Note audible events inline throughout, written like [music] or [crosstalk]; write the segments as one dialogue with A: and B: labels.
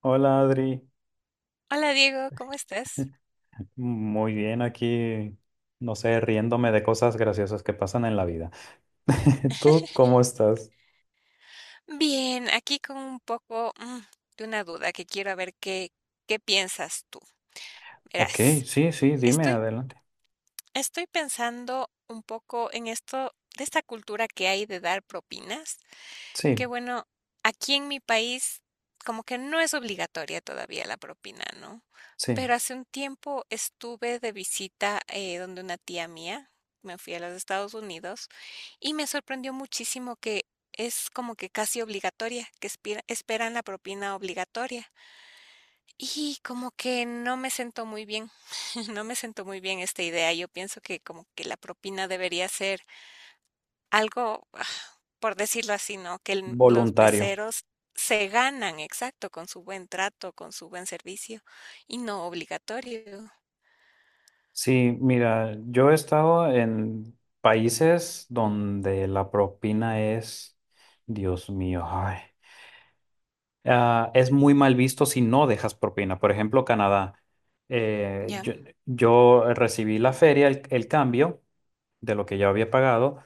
A: Hola Adri,
B: Hola Diego, ¿cómo estás?
A: [laughs] muy bien aquí, no sé, riéndome de cosas graciosas que pasan en la vida. [laughs] ¿Tú cómo estás?
B: Bien, aquí con un poco de una duda que quiero a ver qué piensas tú.
A: Ok,
B: Verás,
A: sí, sí, dime,
B: estoy,
A: adelante.
B: estoy pensando un poco en esto de esta cultura que hay de dar propinas. Que
A: Sí,
B: bueno, aquí en mi país como que no es obligatoria todavía la propina, ¿no?
A: sí,
B: Pero hace un tiempo estuve de visita donde una tía mía, me fui a los Estados Unidos y me sorprendió muchísimo que es como que casi obligatoria, que esperan la propina obligatoria. Y como que no me sentó muy bien, [laughs] no me sentó muy bien esta idea. Yo pienso que como que la propina debería ser algo, por decirlo así, ¿no? Que el los
A: voluntario.
B: meseros se ganan, exacto, con su buen trato, con su buen servicio, y no obligatorio.
A: Sí, mira, yo he estado en países donde la propina es, Dios mío, ay. Ah, es muy mal visto si no dejas propina. Por ejemplo, Canadá. Eh,
B: Ya,
A: yo, yo recibí la feria, el cambio de lo que yo había pagado,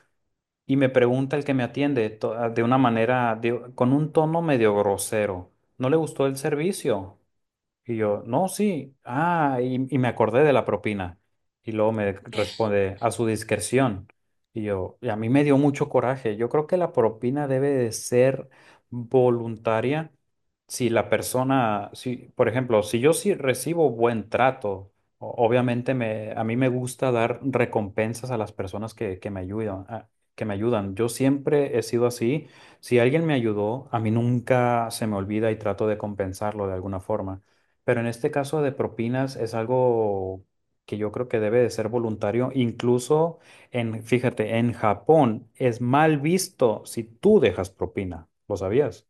A: y me pregunta el que me atiende de una manera, con un tono medio grosero. ¿No le gustó el servicio? Y yo, no, sí, y me acordé de la propina. Y luego me
B: ya.
A: responde, a su discreción. Y yo, y a mí me dio mucho coraje. Yo creo que la propina debe de ser voluntaria si la persona, si, por ejemplo, si yo sí recibo buen trato, obviamente me, a mí me gusta dar recompensas a las personas que me ayudan, que me ayudan. Yo siempre he sido así. Si alguien me ayudó, a mí nunca se me olvida y trato de compensarlo de alguna forma. Pero en este caso de propinas es algo que yo creo que debe de ser voluntario. Incluso fíjate, en Japón es mal visto si tú dejas propina. ¿Lo sabías?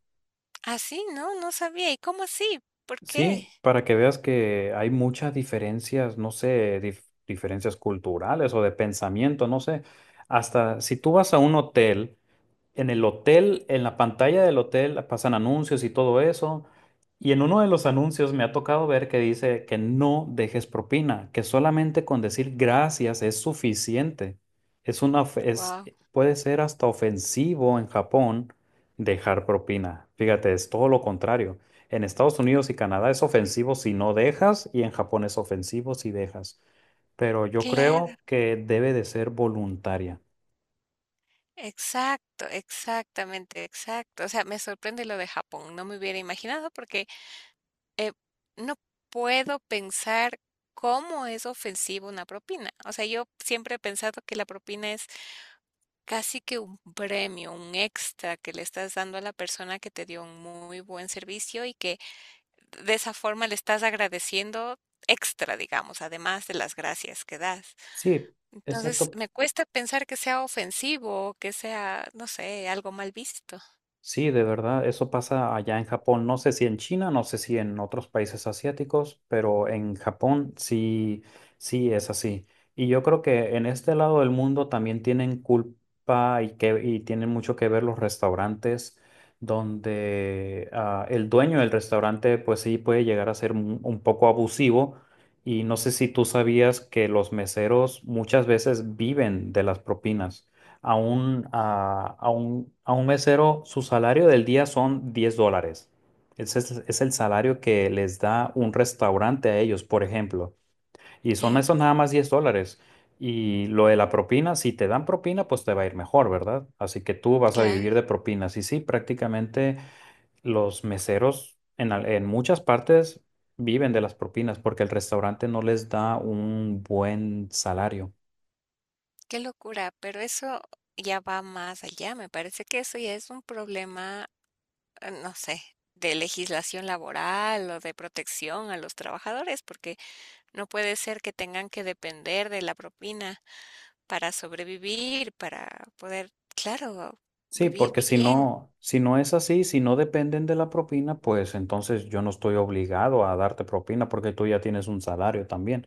B: Así. No, no sabía. ¿Y cómo así? ¿Por
A: Sí,
B: qué?
A: para que veas que hay muchas diferencias, no sé, diferencias culturales o de pensamiento, no sé. Hasta si tú vas a un hotel, en el hotel, en la pantalla del hotel pasan anuncios y todo eso. Y en uno de los anuncios me ha tocado ver que dice que no dejes propina, que solamente con decir gracias es suficiente. Es una,
B: Guau.
A: puede ser hasta ofensivo en Japón dejar propina. Fíjate, es todo lo contrario. En Estados Unidos y Canadá es ofensivo si no dejas y en Japón es ofensivo si dejas, pero yo
B: Claro,
A: creo que debe de ser voluntaria.
B: exacto, exactamente, exacto. O sea, me sorprende lo de Japón. No me hubiera imaginado porque, eh, no puedo pensar cómo es ofensivo una propina. O sea, yo siempre he pensado que la propina es casi que un premio, un extra que le estás dando a la persona que te dio un muy buen servicio y que de esa forma le estás agradeciendo extra, digamos, además de las gracias que das.
A: Sí,
B: Entonces,
A: exacto.
B: me cuesta pensar que sea ofensivo, que sea, no sé, algo mal visto.
A: Sí, de verdad, eso pasa allá en Japón. No sé si en China, no sé si en otros países asiáticos, pero en Japón sí, sí es así. Y yo creo que en este lado del mundo también tienen culpa y que y tienen mucho que ver los restaurantes donde el dueño del restaurante pues sí puede llegar a ser un poco abusivo. Y no sé si tú sabías que los meseros muchas veces viven de las propinas, a un mesero, su salario del día son 10 dólares. Es el salario que les da un restaurante a ellos, por ejemplo. Y son
B: Bien,
A: esos nada más 10 dólares. Y lo de la propina, si te dan propina, pues te va a ir mejor, ¿verdad? Así que tú vas a
B: claro,
A: vivir de propinas. Y sí, prácticamente los meseros en muchas partes viven de las propinas porque el restaurante no les da un buen salario.
B: qué locura, pero eso ya va más allá. Me parece que eso ya es un problema, no sé, de legislación laboral o de protección a los trabajadores, porque no puede ser que tengan que depender de la propina para sobrevivir, para poder, claro,
A: Sí,
B: vivir
A: porque
B: bien.
A: si no, es así, si no dependen de la propina, pues entonces yo no estoy obligado a darte propina porque tú ya tienes un salario también.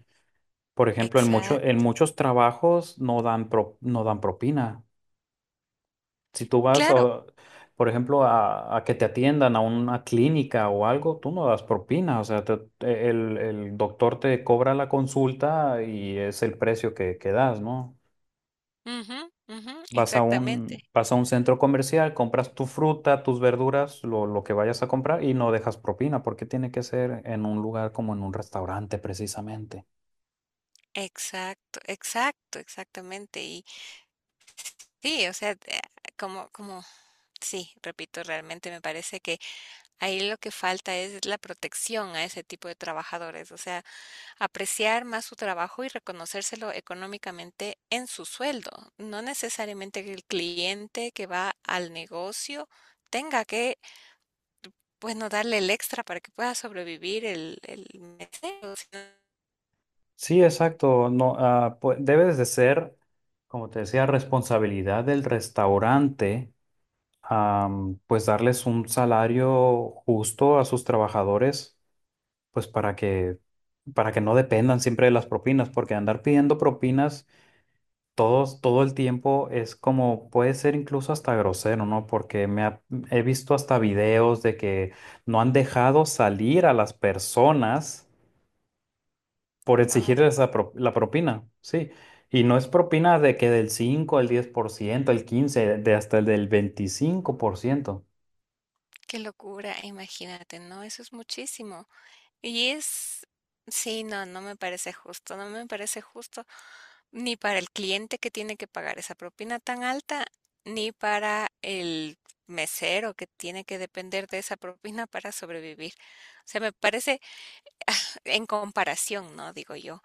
A: Por ejemplo, en
B: Exacto.
A: muchos trabajos no dan propina. Si tú vas,
B: Claro.
A: o, por ejemplo, a que te atiendan a una clínica o algo, tú no das propina. O sea, el doctor te cobra la consulta y es el precio que das, ¿no?
B: Ujú, ujú, exactamente.
A: Vas a un centro comercial, compras tu fruta, tus verduras, lo que vayas a comprar y no dejas propina, porque tiene que ser en un lugar como en un restaurante precisamente.
B: Exacto, exacto, exactamente. Y sí, o sea, como, sí, repito, realmente me parece que ahí lo que falta es la protección a ese tipo de trabajadores. O sea, apreciar más su trabajo y reconocérselo económicamente en su sueldo. No necesariamente que el cliente que va al negocio tenga que, bueno, darle el extra para que pueda sobrevivir el mesero.
A: Sí, exacto. No, pues, debes de ser, como te decía, responsabilidad del restaurante, pues darles un salario justo a sus trabajadores, pues para que, no dependan siempre de las propinas, porque andar pidiendo propinas todo el tiempo es como, puede ser incluso hasta grosero, ¿no? Porque he visto hasta videos de que no han dejado salir a las personas por
B: Wow,
A: exigirles la propina, sí. Y no es propina de que del 5 el 10% el 15 de hasta el del 25%.
B: qué locura, imagínate, ¿no? Eso es muchísimo. Y es, sí, no, no me parece justo, no me parece justo ni para el cliente que tiene que pagar esa propina tan alta, ni para el mesero que tiene que depender de esa propina para sobrevivir. O sea, me parece en comparación, ¿no? Digo yo,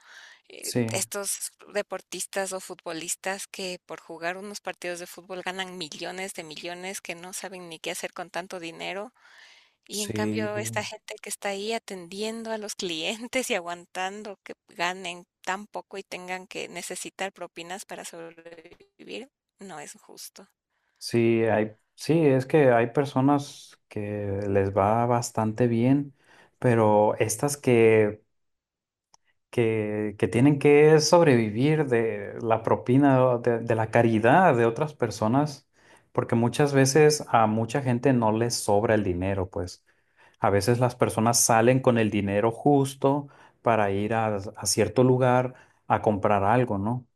A: Sí,
B: estos deportistas o futbolistas que por jugar unos partidos de fútbol ganan millones de millones, que no saben ni qué hacer con tanto dinero y en
A: sí,
B: cambio, esta gente que está ahí atendiendo a los clientes y aguantando que ganen tan poco y tengan que necesitar propinas para sobrevivir, no es justo.
A: sí, hay, sí, es que hay personas que les va bastante bien, pero estas que tienen que sobrevivir de la propina, de la caridad de otras personas, porque muchas veces a mucha gente no les sobra el dinero, pues a veces las personas salen con el dinero justo para ir a cierto lugar a comprar algo, ¿no?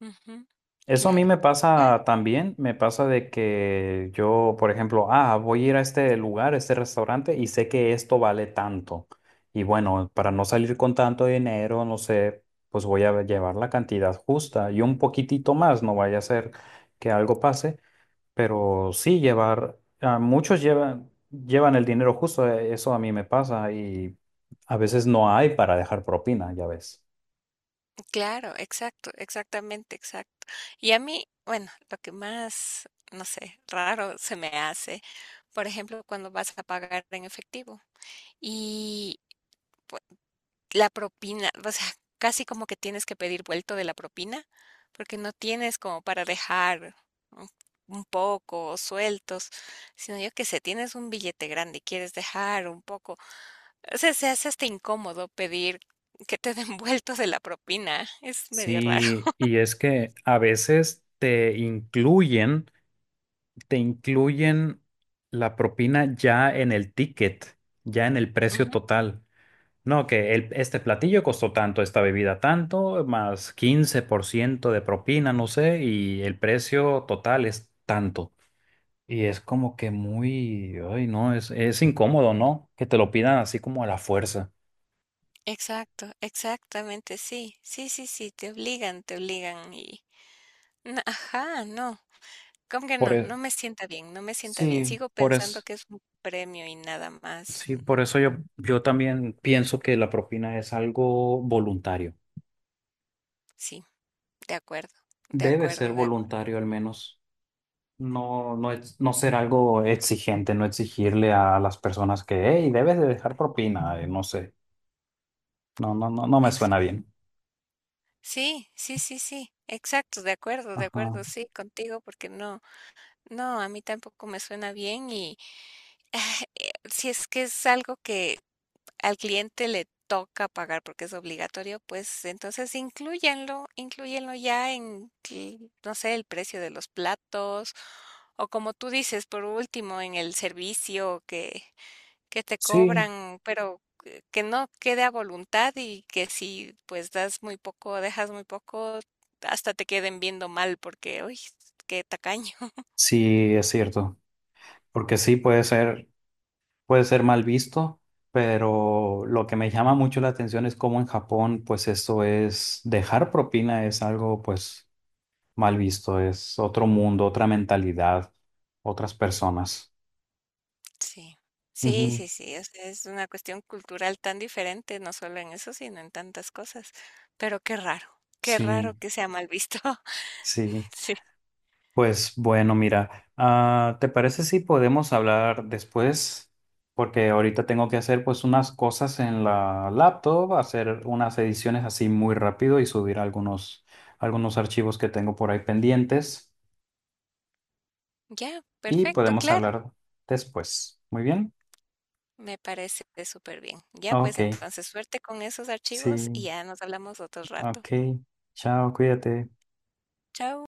B: Ujú.
A: Eso a mí
B: Claro.
A: me
B: Ah,
A: pasa también, me pasa de que yo, por ejemplo, voy a ir a este lugar, a este restaurante y sé que esto vale tanto. Y bueno, para no salir con tanto dinero, no sé, pues voy a llevar la cantidad justa y un poquitito más, no vaya a ser que algo pase, pero sí llevar, llevan el dinero justo, eso a mí me pasa y a veces no hay para dejar propina, ya ves.
B: claro. Exacto, exactamente, exacto. Y a mí, bueno, lo que más, no sé, raro se me hace, por ejemplo, cuando vas a pagar en efectivo. Y pues, la propina, o sea, casi como que tienes que pedir vuelto de la propina, porque no tienes como para dejar un un poco o sueltos, sino yo que sé, tienes un billete grande y quieres dejar un poco. O sea, se hace hasta incómodo pedir que te den [laughs] vuelto de la propina. Es medio raro.
A: Sí, y es que a veces te incluyen la propina ya en el ticket, ya en el precio
B: Ujú.
A: total. No, que este platillo costó tanto, esta bebida tanto, más 15% de propina, no sé, y el precio total es tanto. Y es como que muy, ay, no, es incómodo, ¿no? Que te lo pidan así como a la fuerza.
B: Exacto, exactamente, sí. Sí, sí, sí, te obligan y... no, ajá, no. ¿Cómo que
A: Por
B: no?
A: eso,
B: No me sienta bien, no me sienta bien.
A: sí,
B: Sigo
A: por
B: pensando
A: eso.
B: que es un premio y nada más.
A: Sí,
B: Mm.
A: por eso yo, también pienso que la propina es algo voluntario.
B: Sí, de acuerdo, de
A: Debe ser
B: acuerdo, de acuerdo.
A: voluntario al menos. No, no, no ser algo exigente, no exigirle a las personas que, hey, debes de dejar propina, no sé. No, no, no, no me
B: Ex
A: suena bien.
B: Sí, sí, sí, sí, exacto, de
A: Ajá.
B: acuerdo, sí, contigo, porque no, no, a mí tampoco me suena bien y, [sighs] ah, si es que es algo que al cliente le toca pagar porque es obligatorio, pues entonces inclúyenlo ya en, que, no sé, el precio de los platos o como tú dices, por último, en el servicio que te
A: Sí,
B: cobran, pero que no quede a voluntad y que si pues das muy poco, dejas muy poco, hasta te queden viendo mal porque, uy, qué tacaño.
A: sí, es cierto. Porque sí puede ser mal visto, pero lo que me llama mucho la atención es cómo en Japón, pues eso es, dejar propina es algo, mal visto, es otro mundo, otra mentalidad, otras personas.
B: Sí. Sí,
A: Ujú.
B: sí, sí, o sea, es una cuestión cultural tan diferente, no solo en eso, sino en tantas cosas. Pero qué raro
A: Sí,
B: que sea mal visto.
A: sí.
B: [laughs] Sí.
A: Pues bueno, mira, ¿te parece si podemos hablar después? Porque ahorita tengo que hacer pues unas cosas en la laptop, hacer unas ediciones así muy rápido y subir algunos archivos que tengo por ahí pendientes
B: Ya,
A: y
B: perfecto,
A: podemos
B: claro,
A: hablar después. Muy bien.
B: me parece súper bien. Ya, pues
A: Ok,
B: entonces suerte con esos archivos y
A: sí,
B: ya nos hablamos otro rato.
A: ok. Chao, cuídate.
B: Chao.